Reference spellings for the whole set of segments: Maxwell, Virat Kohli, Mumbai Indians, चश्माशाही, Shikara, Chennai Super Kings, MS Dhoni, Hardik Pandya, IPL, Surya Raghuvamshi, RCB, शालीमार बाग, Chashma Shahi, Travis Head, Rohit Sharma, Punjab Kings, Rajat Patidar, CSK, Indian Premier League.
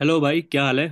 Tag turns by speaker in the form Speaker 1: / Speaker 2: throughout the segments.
Speaker 1: Hello भाई, क्या हाल है।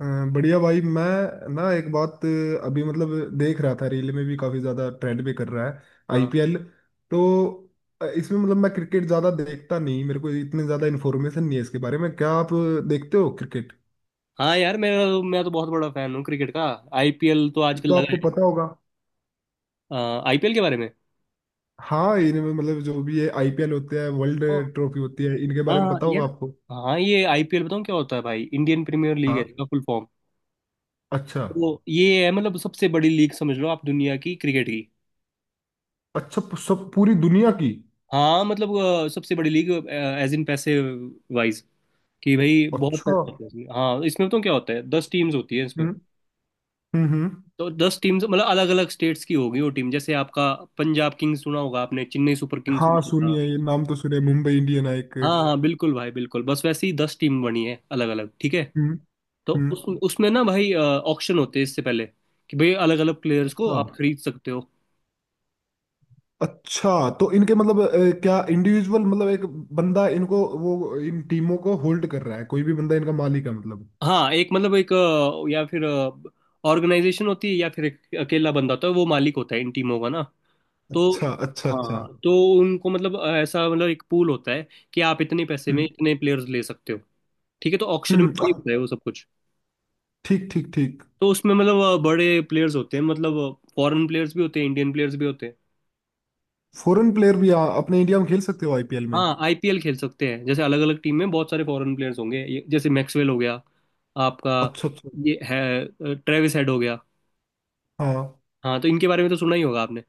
Speaker 2: अ, बढ़िया भाई मैं ना एक बात अभी मतलब देख रहा था, रील में भी काफी ज्यादा ट्रेंड भी कर रहा है
Speaker 1: हाँ।
Speaker 2: आईपीएल। तो इसमें मतलब मैं क्रिकेट ज्यादा देखता नहीं, मेरे को इतने ज्यादा इन्फॉर्मेशन नहीं है इसके बारे में। क्या आप देखते हो क्रिकेट?
Speaker 1: हाँ यार, मैं तो बहुत बड़ा फैन हूँ क्रिकेट का। आईपीएल तो आजकल
Speaker 2: तो
Speaker 1: लगा
Speaker 2: आपको पता होगा।
Speaker 1: है। आईपीएल के बारे में?
Speaker 2: हाँ, इनमें मतलब जो भी ये आईपीएल होते हैं,
Speaker 1: ओ,
Speaker 2: वर्ल्ड ट्रॉफी होती है, इनके बारे में
Speaker 1: हाँ
Speaker 2: पता
Speaker 1: यार।
Speaker 2: होगा आपको?
Speaker 1: हाँ, ये आईपीएल बताऊँ क्या होता है भाई। इंडियन प्रीमियर लीग है
Speaker 2: हाँ।
Speaker 1: इसका फुल फॉर्म।
Speaker 2: अच्छा।
Speaker 1: तो ये है मतलब सबसे बड़ी लीग समझ लो आप, दुनिया की क्रिकेट की।
Speaker 2: अच्छा, सब पूरी दुनिया की।
Speaker 1: हाँ मतलब सबसे बड़ी लीग एज इन पैसे वाइज, कि भाई बहुत
Speaker 2: अच्छा।
Speaker 1: पैसे होते हैं इसमें। हाँ इसमें बताऊँ क्या होता है, 10 टीम्स होती है इसमें।
Speaker 2: हम्म हम्म हम्म।
Speaker 1: तो 10 टीम्स मतलब अलग अलग स्टेट्स की होगी वो टीम, जैसे आपका पंजाब किंग्स सुना होगा आपने, चेन्नई सुपर किंग्स
Speaker 2: हाँ,
Speaker 1: सुना।
Speaker 2: सुनिए ये नाम तो सुने, मुंबई इंडियन है एक।
Speaker 1: हाँ हाँ बिल्कुल भाई, बिल्कुल, बस वैसे ही 10 टीम बनी है अलग अलग, ठीक है।
Speaker 2: हम्म
Speaker 1: तो
Speaker 2: हम्म।
Speaker 1: उस उसमें ना भाई ऑक्शन होते हैं इससे पहले, कि भाई अलग अलग प्लेयर्स को
Speaker 2: अच्छा
Speaker 1: आप खरीद सकते हो।
Speaker 2: अच्छा। तो इनके मतलब क्या इंडिविजुअल मतलब एक बंदा इनको, वो इन टीमों को होल्ड कर रहा है? कोई भी बंदा इनका मालिक है मतलब?
Speaker 1: हाँ एक मतलब एक या फिर ऑर्गेनाइजेशन होती है, या फिर एक अकेला बंदा होता है, वो मालिक होता है इन टीमों का ना। तो
Speaker 2: अच्छा अच्छा
Speaker 1: हाँ
Speaker 2: अच्छा।
Speaker 1: हाँ, तो उनको मतलब ऐसा, मतलब एक पूल होता है, कि आप इतने पैसे में
Speaker 2: हम्म
Speaker 1: इतने प्लेयर्स ले सकते हो। ठीक है, तो ऑक्शन में
Speaker 2: हम्म,
Speaker 1: वही
Speaker 2: अ,
Speaker 1: होता है, वो सब कुछ।
Speaker 2: ठीक ठीक ठीक।
Speaker 1: तो उसमें मतलब बड़े प्लेयर्स होते हैं मतलब, फॉरेन प्लेयर्स भी होते हैं, इंडियन प्लेयर्स भी होते हैं।
Speaker 2: फॉरेन प्लेयर भी अपने इंडिया में खेल सकते हो आईपीएल में?
Speaker 1: हाँ आईपीएल खेल सकते हैं, जैसे अलग अलग टीम में बहुत सारे फॉरेन प्लेयर्स होंगे, जैसे मैक्सवेल हो गया आपका,
Speaker 2: अच्छा अच्छा।
Speaker 1: ये है ट्रेविस हेड हो गया।
Speaker 2: हाँ
Speaker 1: हाँ तो इनके बारे में तो सुना ही होगा आपने।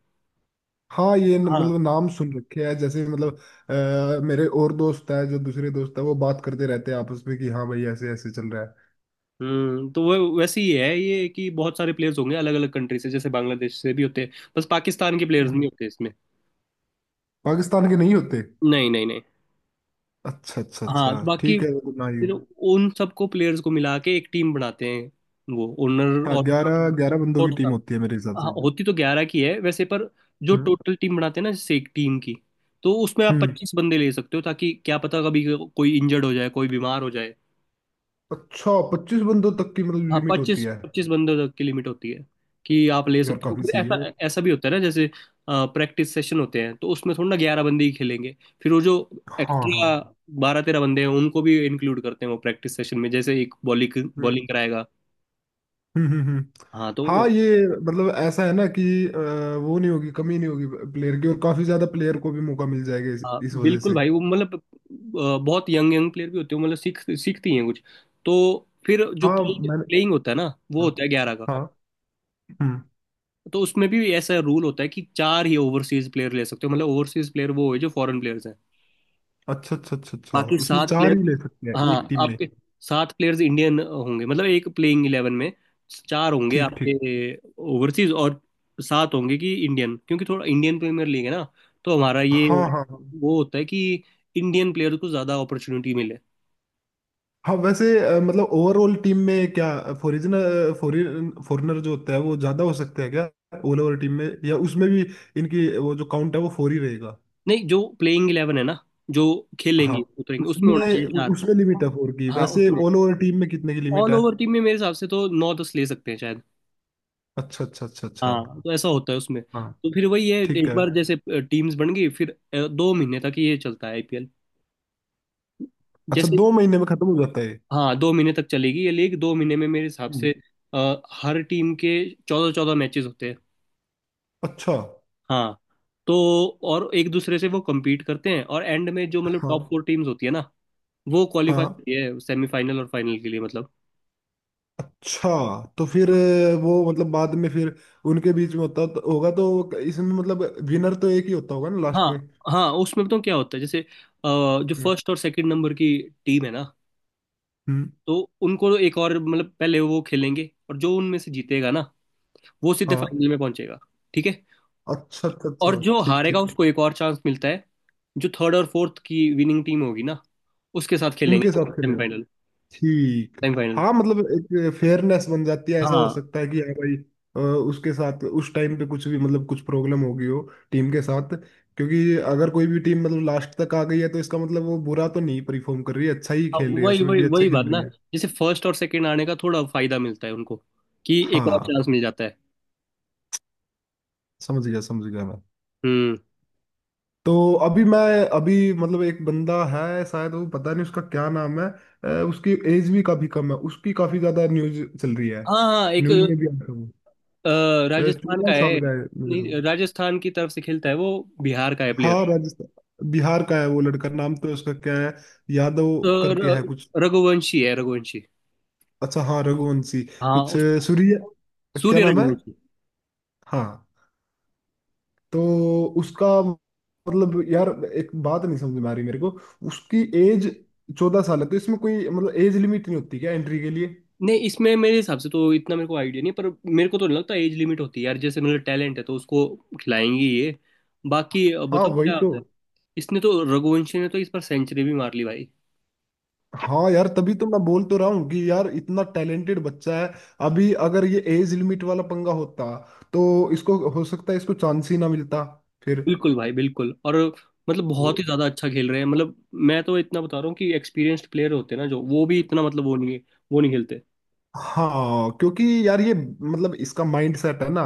Speaker 2: हाँ, ये
Speaker 1: हाँ।
Speaker 2: मतलब नाम सुन रखे हैं, जैसे मतलब मेरे और दोस्त है, जो दूसरे दोस्त है वो बात करते रहते हैं आपस में कि हाँ भाई ऐसे ऐसे चल रहा है।
Speaker 1: तो वो वैसे ही है ये, कि बहुत सारे प्लेयर्स होंगे अलग अलग कंट्री से, जैसे बांग्लादेश से भी होते हैं, बस पाकिस्तान के प्लेयर्स नहीं
Speaker 2: हम्म।
Speaker 1: होते इसमें।
Speaker 2: पाकिस्तान के नहीं होते?
Speaker 1: नहीं नहीं नहीं।
Speaker 2: अच्छा अच्छा
Speaker 1: हाँ
Speaker 2: अच्छा।
Speaker 1: तो बाकी
Speaker 2: ठीक है, वो तो ना ही
Speaker 1: फिर
Speaker 2: हो।
Speaker 1: उन सबको प्लेयर्स को मिला के एक टीम बनाते हैं, वो ओनर
Speaker 2: हाँ,
Speaker 1: और
Speaker 2: ग्यारह ग्यारह बंदों की
Speaker 1: कोच।
Speaker 2: टीम होती है मेरे हिसाब
Speaker 1: हाँ
Speaker 2: से।
Speaker 1: होती तो 11 की है वैसे, पर जो
Speaker 2: हम्म
Speaker 1: टोटल टीम बनाते हैं ना, जैसे एक टीम की, तो उसमें आप
Speaker 2: हम्म।
Speaker 1: 25 बंदे ले सकते हो, ताकि क्या पता कभी कोई इंजर्ड हो जाए, कोई बीमार हो जाए।
Speaker 2: अच्छा, 25 बंदों तक की मतलब
Speaker 1: हाँ
Speaker 2: लिमिट होती
Speaker 1: पच्चीस
Speaker 2: है?
Speaker 1: पच्चीस बंदों तक की लिमिट होती है, कि आप ले
Speaker 2: यार
Speaker 1: सकते हो।
Speaker 2: काफी
Speaker 1: फिर
Speaker 2: सही
Speaker 1: ऐसा,
Speaker 2: है।
Speaker 1: ऐसा भी होता है ना, जैसे प्रैक्टिस सेशन होते हैं, तो उसमें थोड़ा ना 11 बंदे ही खेलेंगे, फिर वो जो
Speaker 2: हाँ हाँ।
Speaker 1: एक्स्ट्रा 12 13 बंदे हैं उनको भी इंक्लूड करते हैं वो प्रैक्टिस सेशन में, जैसे एक बॉलिंग
Speaker 2: हम्म
Speaker 1: बॉलिंग कराएगा।
Speaker 2: हम्म हम्म हम्म।
Speaker 1: हाँ तो
Speaker 2: हाँ ये मतलब ऐसा है ना कि अ, वो नहीं होगी, कमी नहीं होगी प्लेयर की, और काफी ज्यादा प्लेयर को भी मौका मिल जाएगा
Speaker 1: हाँ
Speaker 2: इस वजह
Speaker 1: बिल्कुल
Speaker 2: से।
Speaker 1: भाई, वो मतलब बहुत यंग यंग प्लेयर भी होते हैं, मतलब सीख सीखती हैं कुछ। तो फिर जो
Speaker 2: हाँ।
Speaker 1: प्लेइंग
Speaker 2: मैंने।
Speaker 1: प्लेइंग होता है ना, वो
Speaker 2: हाँ
Speaker 1: होता है 11 का।
Speaker 2: हाँ। हम्म।
Speaker 1: तो उसमें भी ऐसा रूल होता है कि 4 ही ओवरसीज प्लेयर ले सकते हो, मतलब ओवरसीज प्लेयर वो है जो फॉरेन प्लेयर्स हैं,
Speaker 2: अच्छा अच्छा अच्छा अच्छा,
Speaker 1: बाकी
Speaker 2: उसमें
Speaker 1: सात
Speaker 2: चार
Speaker 1: प्लेयर
Speaker 2: ही ले सकते हैं
Speaker 1: हाँ,
Speaker 2: एक टीम में?
Speaker 1: आपके 7 प्लेयर्स इंडियन होंगे मतलब, एक प्लेइंग इलेवन में 4 होंगे
Speaker 2: ठीक ठीक।
Speaker 1: आपके ओवरसीज और 7 होंगे कि इंडियन, क्योंकि थोड़ा इंडियन प्रीमियर लीग है ना, तो हमारा ये
Speaker 2: हाँ हाँ हाँ।
Speaker 1: वो होता है कि इंडियन प्लेयर को ज्यादा अपॉर्चुनिटी मिले।
Speaker 2: हाँ वैसे मतलब ओवरऑल टीम में क्या फॉरिजनर फॉरिन फॉरेनर जो होता है वो ज्यादा हो सकता है क्या? ओवरऑल टीम में, या उसमें भी इनकी वो जो काउंट है वो 4 ही रहेगा?
Speaker 1: नहीं जो प्लेइंग इलेवन है ना, जो
Speaker 2: हाँ
Speaker 1: खेलेंगे उतरेंगे, उसमें होना
Speaker 2: उसमें
Speaker 1: चाहिए 4।
Speaker 2: उसमें लिमिट है 4 की,
Speaker 1: हाँ
Speaker 2: वैसे
Speaker 1: उसमें
Speaker 2: ऑल ओवर टीम में कितने की लिमिट
Speaker 1: ऑल
Speaker 2: है?
Speaker 1: ओवर टीम में मेरे हिसाब से तो 9 10 ले सकते हैं शायद।
Speaker 2: अच्छा अच्छा अच्छा अच्छा।
Speaker 1: हाँ तो ऐसा होता है उसमें,
Speaker 2: हाँ
Speaker 1: तो फिर वही है,
Speaker 2: ठीक
Speaker 1: एक
Speaker 2: है।
Speaker 1: बार जैसे टीम्स बन गई, फिर 2 महीने तक ये चलता है आईपीएल।
Speaker 2: अच्छा,
Speaker 1: जैसे,
Speaker 2: 2 महीने में खत्म हो जाता है ये?
Speaker 1: हाँ 2 महीने तक चलेगी ये लीग, 2 महीने में मेरे हिसाब से।
Speaker 2: हम्म।
Speaker 1: हर टीम के 14 14 मैचेस होते हैं।
Speaker 2: अच्छा।
Speaker 1: हाँ तो और एक दूसरे से वो compete करते हैं, और एंड में जो मतलब टॉप
Speaker 2: हाँ
Speaker 1: फोर टीम्स होती है ना, वो क्वालिफाई
Speaker 2: हाँ।
Speaker 1: होती है सेमीफाइनल और फाइनल के लिए, मतलब।
Speaker 2: अच्छा, तो फिर वो मतलब बाद में फिर उनके बीच में होगा, तो इसमें मतलब विनर तो एक ही होता होगा ना लास्ट
Speaker 1: हाँ हाँ उसमें बताऊँ क्या होता है, जैसे जो
Speaker 2: में।
Speaker 1: फर्स्ट और सेकंड नंबर की टीम है ना,
Speaker 2: हम्म।
Speaker 1: तो उनको तो एक और मतलब पहले वो खेलेंगे, और जो उनमें से जीतेगा ना, वो सीधे
Speaker 2: हाँ।
Speaker 1: फाइनल में पहुंचेगा, ठीक है।
Speaker 2: अच्छा अच्छा अच्छा।
Speaker 1: और जो
Speaker 2: ठीक
Speaker 1: हारेगा
Speaker 2: ठीक ठीक।
Speaker 1: उसको एक और चांस मिलता है, जो थर्ड और फोर्थ की विनिंग टीम होगी ना, उसके साथ खेलेंगे
Speaker 2: उनके साथ खेलेगा?
Speaker 1: सेमीफाइनल,
Speaker 2: ठीक।
Speaker 1: सेमीफाइनल।
Speaker 2: हाँ मतलब एक फेयरनेस बन जाती है, ऐसा हो
Speaker 1: हाँ
Speaker 2: सकता है कि यार भाई उसके साथ उस टाइम पे कुछ भी मतलब कुछ प्रॉब्लम होगी हो टीम के साथ, क्योंकि अगर कोई भी टीम मतलब लास्ट तक आ गई है तो इसका मतलब वो बुरा तो नहीं परफॉर्म कर रही है, अच्छा ही
Speaker 1: हाँ,
Speaker 2: खेल रही है,
Speaker 1: वही
Speaker 2: उसमें
Speaker 1: वही
Speaker 2: भी अच्छे
Speaker 1: वही
Speaker 2: खेल
Speaker 1: बात
Speaker 2: रही
Speaker 1: ना,
Speaker 2: है।
Speaker 1: जैसे फर्स्ट और सेकंड आने का थोड़ा फायदा मिलता है उनको, कि एक और
Speaker 2: हाँ
Speaker 1: चांस मिल जाता है।
Speaker 2: समझ गया मैं।
Speaker 1: हम्म।
Speaker 2: तो अभी मैं, अभी मतलब एक बंदा है शायद, वो पता नहीं उसका क्या नाम है। उसकी एज भी काफी कम है, उसकी काफी ज्यादा न्यूज चल रही है,
Speaker 1: हाँ हाँ एक
Speaker 2: न्यूज में भी आता है
Speaker 1: अ,
Speaker 2: वो।
Speaker 1: राजस्थान
Speaker 2: चौदह
Speaker 1: का है।
Speaker 2: साल का है मेरे
Speaker 1: नहीं
Speaker 2: साथ।
Speaker 1: राजस्थान की तरफ से खेलता है वो, बिहार का है प्लेयर।
Speaker 2: हाँ, राजस्थान बिहार का है वो लड़का। नाम तो उसका क्या है, यादव करके है कुछ?
Speaker 1: रघुवंशी है, रघुवंशी।
Speaker 2: अच्छा, हाँ रघुवंशी।
Speaker 1: हाँ
Speaker 2: कुछ
Speaker 1: उस
Speaker 2: सूर्य, क्या
Speaker 1: सूर्य
Speaker 2: नाम है?
Speaker 1: रघुवंशी।
Speaker 2: हाँ। तो उसका मतलब यार एक बात नहीं समझ में आ रही मेरे को, उसकी एज 14 साल है तो इसमें कोई मतलब एज लिमिट नहीं होती क्या एंट्री के लिए?
Speaker 1: नहीं इसमें मेरे हिसाब से तो इतना मेरे को आइडिया नहीं, पर मेरे को तो नहीं लगता एज लिमिट होती है यार। जैसे मेरा टैलेंट है तो उसको खिलाएंगे ये। बाकी
Speaker 2: हाँ
Speaker 1: बताओ
Speaker 2: वही
Speaker 1: क्या
Speaker 2: तो।
Speaker 1: होता है। इसने तो, रघुवंशी ने तो इस पर सेंचुरी भी मार ली भाई।
Speaker 2: हाँ यार, तभी तो मैं बोल तो रहा हूँ कि यार इतना टैलेंटेड बच्चा है। अभी अगर ये एज लिमिट वाला पंगा होता तो इसको हो सकता है इसको चांस ही ना मिलता फिर।
Speaker 1: बिल्कुल भाई, बिल्कुल, और मतलब बहुत
Speaker 2: तो,
Speaker 1: ही ज्यादा अच्छा खेल रहे हैं मतलब। मैं तो इतना बता रहा हूँ कि एक्सपीरियंस्ड प्लेयर होते हैं ना, जो वो भी इतना मतलब वो नहीं खेलते।
Speaker 2: हाँ, क्योंकि यार ये मतलब इसका माइंड सेट है ना,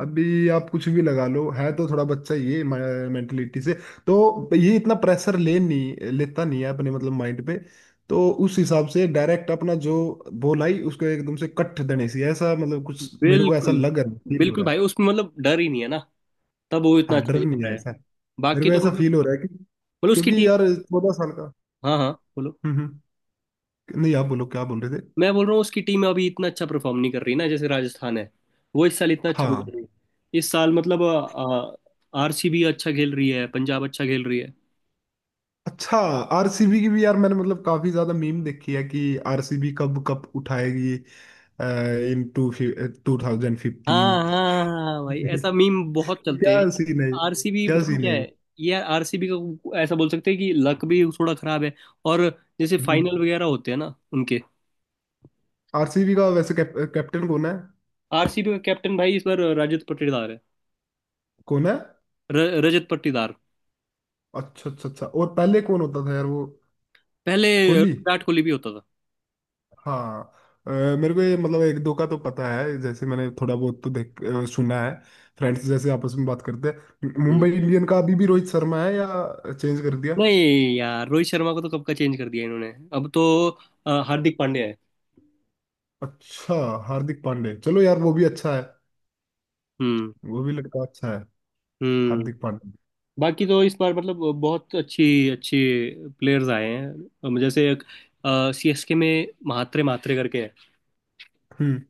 Speaker 2: अभी आप कुछ भी लगा लो, है तो थोड़ा बच्चा, ये मेंटलिटी से तो ये इतना प्रेशर ले नहीं लेता, नहीं है अपने मतलब माइंड पे। तो उस हिसाब से डायरेक्ट अपना जो बॉल आई उसको एकदम से कट देने से, ऐसा मतलब कुछ मेरे को ऐसा
Speaker 1: बिल्कुल
Speaker 2: लग रहा, फील हो
Speaker 1: बिल्कुल
Speaker 2: रहा है।
Speaker 1: भाई, उसमें मतलब डर ही नहीं है ना, तब वो इतना
Speaker 2: हाँ
Speaker 1: अच्छा
Speaker 2: डर
Speaker 1: खेल
Speaker 2: नहीं
Speaker 1: रहा
Speaker 2: है
Speaker 1: है।
Speaker 2: ऐसा। मेरे
Speaker 1: बाकी
Speaker 2: को
Speaker 1: तो
Speaker 2: ऐसा
Speaker 1: मतलब,
Speaker 2: फील हो रहा है कि,
Speaker 1: मतलब उसकी
Speaker 2: क्योंकि
Speaker 1: टीम,
Speaker 2: यार 14 साल का।
Speaker 1: हाँ हाँ बोलो।
Speaker 2: हम्म हम्म। नहीं आप बोलो, क्या बोल रहे थे?
Speaker 1: मैं बोल रहा हूँ उसकी टीम अभी इतना अच्छा परफॉर्म नहीं कर रही ना, जैसे राजस्थान है, वो इस साल इतना अच्छा नहीं कर
Speaker 2: हाँ।
Speaker 1: रही। इस साल मतलब आरसीबी अच्छा खेल रही है, पंजाब अच्छा खेल रही है।
Speaker 2: अच्छा, आरसीबी की भी यार मैंने मतलब काफी ज्यादा मीम देखी है कि आरसीबी कब कप उठाएगी, इन टू 2050।
Speaker 1: हाँ हाँ हाँ, भाई ऐसा मीम बहुत चलते हैं।
Speaker 2: क्या सीन है ये?
Speaker 1: आरसीबी
Speaker 2: क्या
Speaker 1: बताऊँ
Speaker 2: सीन
Speaker 1: क्या
Speaker 2: है?
Speaker 1: है, ये आरसीबी का ऐसा बोल सकते हैं कि लक भी थोड़ा खराब है, और जैसे फाइनल वगैरह होते हैं ना उनके।
Speaker 2: आरसीबी का वैसे कैप्टन कौन है?
Speaker 1: आरसीबी का कैप्टन भाई इस बार रजत पाटीदार है।
Speaker 2: कौन है?
Speaker 1: र, रजत पाटीदार।
Speaker 2: अच्छा अच्छा अच्छा। और पहले कौन होता था यार वो,
Speaker 1: पहले
Speaker 2: कोहली?
Speaker 1: विराट कोहली भी होता था।
Speaker 2: हाँ। अ, मेरे को ये मतलब एक दो का तो पता है, जैसे मैंने थोड़ा बहुत तो सुना है, फ्रेंड्स जैसे आपस में बात करते हैं। मुंबई
Speaker 1: हम्म।
Speaker 2: इंडियन का अभी भी रोहित शर्मा है या चेंज कर दिया?
Speaker 1: नहीं यार रोहित शर्मा को तो कब का चेंज कर दिया इन्होंने। अब तो हार्दिक पांड्या है।
Speaker 2: अच्छा, हार्दिक पांडे चलो यार वो भी अच्छा है,
Speaker 1: हम्म
Speaker 2: वो भी लड़का अच्छा है।
Speaker 1: हम्म।
Speaker 2: हार्दिक पांडे।
Speaker 1: बाकी तो इस बार मतलब बहुत अच्छी अच्छी प्लेयर्स आए हैं, जैसे एक सीएसके में म्हात्रे म्हात्रे करके है,
Speaker 2: हम्म।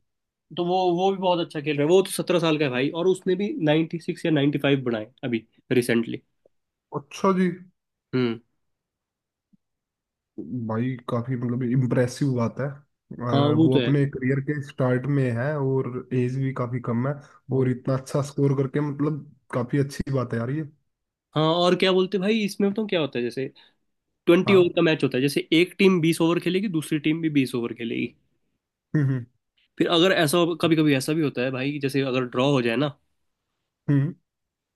Speaker 1: तो वो भी बहुत अच्छा खेल रहा है। वो तो 17 साल का है भाई, और उसने भी 96 या 95 बनाए अभी, रिसेंटली।
Speaker 2: अच्छा जी।
Speaker 1: हम्म।
Speaker 2: भाई काफी मतलब इम्प्रेसिव बात है,
Speaker 1: हाँ वो
Speaker 2: वो
Speaker 1: तो
Speaker 2: अपने करियर के स्टार्ट में है और एज भी काफी कम है, और
Speaker 1: है।
Speaker 2: इतना अच्छा स्कोर करके मतलब काफी अच्छी बात है यार ये।
Speaker 1: हाँ और क्या बोलते भाई, इसमें बताऊँ क्या होता है, जैसे 20 ओवर
Speaker 2: हाँ।
Speaker 1: का मैच होता है, जैसे एक टीम 20 ओवर खेलेगी, दूसरी टीम भी 20 ओवर खेलेगी।
Speaker 2: हम्म हम्म
Speaker 1: फिर अगर ऐसा कभी कभी ऐसा भी होता है भाई, जैसे अगर ड्रॉ हो जाए ना,
Speaker 2: हम्म।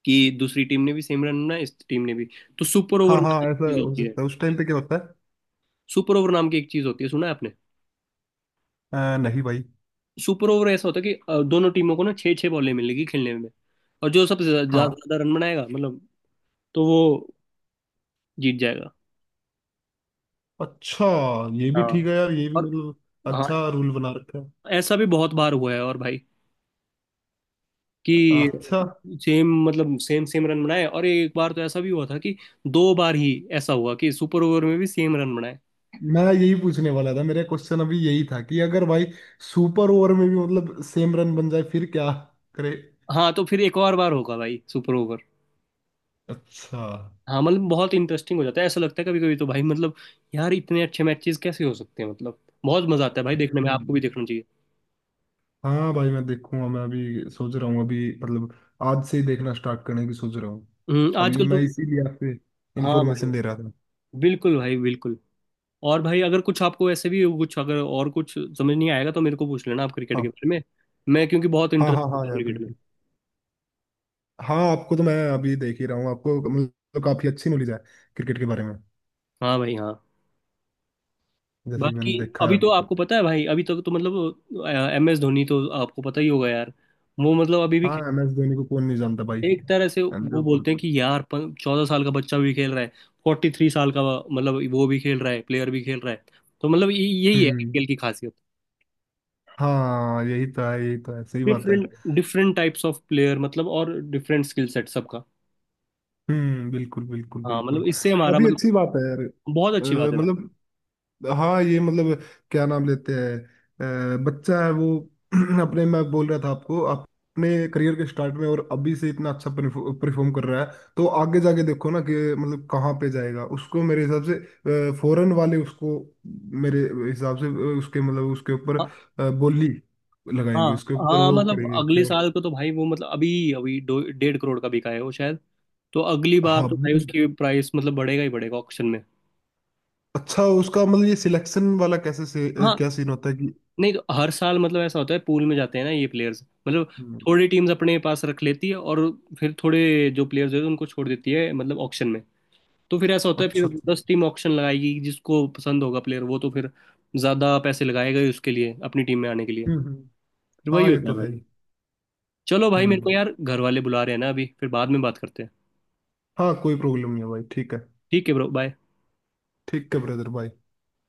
Speaker 1: कि दूसरी टीम ने भी सेम रन बनाए, इस टीम ने भी, तो सुपर ओवर
Speaker 2: हाँ
Speaker 1: नाम
Speaker 2: हाँ
Speaker 1: की एक
Speaker 2: ऐसा
Speaker 1: चीज
Speaker 2: हो
Speaker 1: होती है।
Speaker 2: सकता है, उस टाइम पे क्या होता है?
Speaker 1: सुपर ओवर नाम की एक चीज होती है, सुना है आपने?
Speaker 2: नहीं भाई।
Speaker 1: सुपर ओवर ऐसा होता है कि दोनों टीमों को ना 6 6 बॉलें मिलेगी खेलने में, और जो सबसे
Speaker 2: हाँ।
Speaker 1: ज्यादा रन बनाएगा मतलब, तो वो जीत जाएगा।
Speaker 2: अच्छा, ये भी ठीक
Speaker 1: हाँ
Speaker 2: है यार, ये भी
Speaker 1: और
Speaker 2: मतलब
Speaker 1: हाँ,
Speaker 2: अच्छा रूल बना रखा है।
Speaker 1: ऐसा भी बहुत बार हुआ है और भाई, कि
Speaker 2: अच्छा।
Speaker 1: सेम मतलब सेम सेम रन बनाए, और एक बार तो ऐसा भी हुआ था कि दो बार ही ऐसा हुआ कि सुपर ओवर में भी सेम रन बनाए।
Speaker 2: मैं यही पूछने वाला था, मेरा क्वेश्चन अभी यही था कि अगर भाई सुपर ओवर में भी मतलब सेम रन बन जाए फिर क्या करे?
Speaker 1: हाँ तो फिर एक और बार होगा भाई सुपर ओवर।
Speaker 2: अच्छा।
Speaker 1: हाँ मतलब बहुत इंटरेस्टिंग हो जाता है, ऐसा लगता है कभी कभी तो भाई मतलब, यार इतने अच्छे मैचेस कैसे हो सकते हैं मतलब। बहुत मजा आता है भाई देखने में,
Speaker 2: हम्म,
Speaker 1: आपको भी देखना चाहिए।
Speaker 2: हाँ भाई मैं देखूंगा। मैं अभी सोच रहा हूँ, अभी मतलब आज से ही देखना स्टार्ट करने की सोच रहा हूँ। अभी
Speaker 1: आजकल तो
Speaker 2: मैं इसीलिए आपसे
Speaker 1: हाँ भाई,
Speaker 2: इन्फॉर्मेशन ले रहा था।
Speaker 1: बिल्कुल भाई, बिल्कुल। और भाई अगर कुछ आपको ऐसे भी कुछ, अगर और कुछ समझ नहीं आएगा तो मेरे को पूछ लेना आप, क्रिकेट के
Speaker 2: हाँ
Speaker 1: बारे में। मैं क्योंकि बहुत
Speaker 2: हाँ हाँ।
Speaker 1: इंटरेस्ट है
Speaker 2: हाँ
Speaker 1: तो
Speaker 2: यार
Speaker 1: क्रिकेट में।
Speaker 2: बिल्कुल। हाँ, आपको तो मैं अभी देख ही रहा हूँ, आपको मतलब काफी अच्छी नॉलेज है क्रिकेट के बारे में,
Speaker 1: हाँ भाई हाँ।
Speaker 2: जैसे कि
Speaker 1: बाकी
Speaker 2: मैंने देखा है
Speaker 1: अभी
Speaker 2: अभी
Speaker 1: तो
Speaker 2: तक।
Speaker 1: आपको पता है भाई, अभी तक तो मतलब एम एस धोनी तो आपको पता ही होगा यार। वो मतलब अभी भी
Speaker 2: हाँ, एम
Speaker 1: खेल,
Speaker 2: एस धोनी को कौन नहीं जानता भाई।
Speaker 1: एक तरह से
Speaker 2: And
Speaker 1: वो
Speaker 2: the-
Speaker 1: बोलते हैं कि यार 14 साल का बच्चा भी खेल रहा है, 43 साल का मतलब वो भी खेल रहा है प्लेयर भी खेल रहा है। तो मतलब यही है
Speaker 2: हम्म।
Speaker 1: आईपीएल की खासियत,
Speaker 2: हाँ यही तो है, यही तो है, सही बात है।
Speaker 1: Different different types of player, मतलब, और डिफरेंट स्किल सेट सबका।
Speaker 2: बिल्कुल बिल्कुल
Speaker 1: हाँ
Speaker 2: बिल्कुल।
Speaker 1: मतलब इससे हमारा
Speaker 2: अभी
Speaker 1: मतलब
Speaker 2: अच्छी बात है यार।
Speaker 1: बहुत अच्छी बात है भाई।
Speaker 2: मतलब हाँ ये मतलब क्या नाम लेते हैं बच्चा है वो अपने, मैं बोल रहा था आपको, अपने करियर के स्टार्ट में और अभी से इतना अच्छा परफॉर्म कर रहा है, तो आगे जाके देखो ना कि मतलब कहाँ पे जाएगा। उसको मेरे हिसाब से फॉरेन वाले, उसको मेरे हिसाब से उसके मतलब उसके ऊपर
Speaker 1: हाँ
Speaker 2: बोली
Speaker 1: हाँ
Speaker 2: लगाएंगे, उसके ऊपर
Speaker 1: हाँ,
Speaker 2: वो
Speaker 1: मतलब
Speaker 2: करेंगे
Speaker 1: अगले
Speaker 2: क्या।
Speaker 1: साल को तो भाई वो मतलब अभी अभी 1.5 करोड़ का बिका है वो शायद। तो अगली बार
Speaker 2: हाँ
Speaker 1: तो भाई उसकी प्राइस मतलब बढ़ेगा ही बढ़ेगा ऑक्शन में।
Speaker 2: अच्छा, उसका मतलब ये सिलेक्शन वाला कैसे से क्या
Speaker 1: हाँ।
Speaker 2: सीन होता है कि।
Speaker 1: नहीं तो हर साल मतलब ऐसा होता है, पूल में जाते हैं ना ये प्लेयर्स मतलब,
Speaker 2: हम्म,
Speaker 1: थोड़ी टीम्स अपने पास रख लेती है, और फिर थोड़े जो प्लेयर्स होते हैं उनको छोड़ देती है मतलब ऑक्शन में। तो फिर ऐसा होता है, फिर
Speaker 2: अच्छा अच्छा।
Speaker 1: 10 टीम ऑक्शन लगाएगी, जिसको पसंद होगा प्लेयर वो तो फिर ज्यादा पैसे लगाएगा ही उसके लिए अपनी टीम में आने के लिए।
Speaker 2: हम्म हम्म,
Speaker 1: फिर वही
Speaker 2: हाँ ये
Speaker 1: होता
Speaker 2: तो
Speaker 1: है
Speaker 2: है
Speaker 1: भाई।
Speaker 2: ही।
Speaker 1: चलो भाई मेरे को
Speaker 2: हम्म।
Speaker 1: यार घर वाले बुला रहे हैं ना अभी, फिर बाद में बात करते हैं।
Speaker 2: हाँ कोई प्रॉब्लम नहीं है भाई, ठीक है।
Speaker 1: ठीक है ब्रो, बाय।
Speaker 2: ठीक है ब्रदर भाई।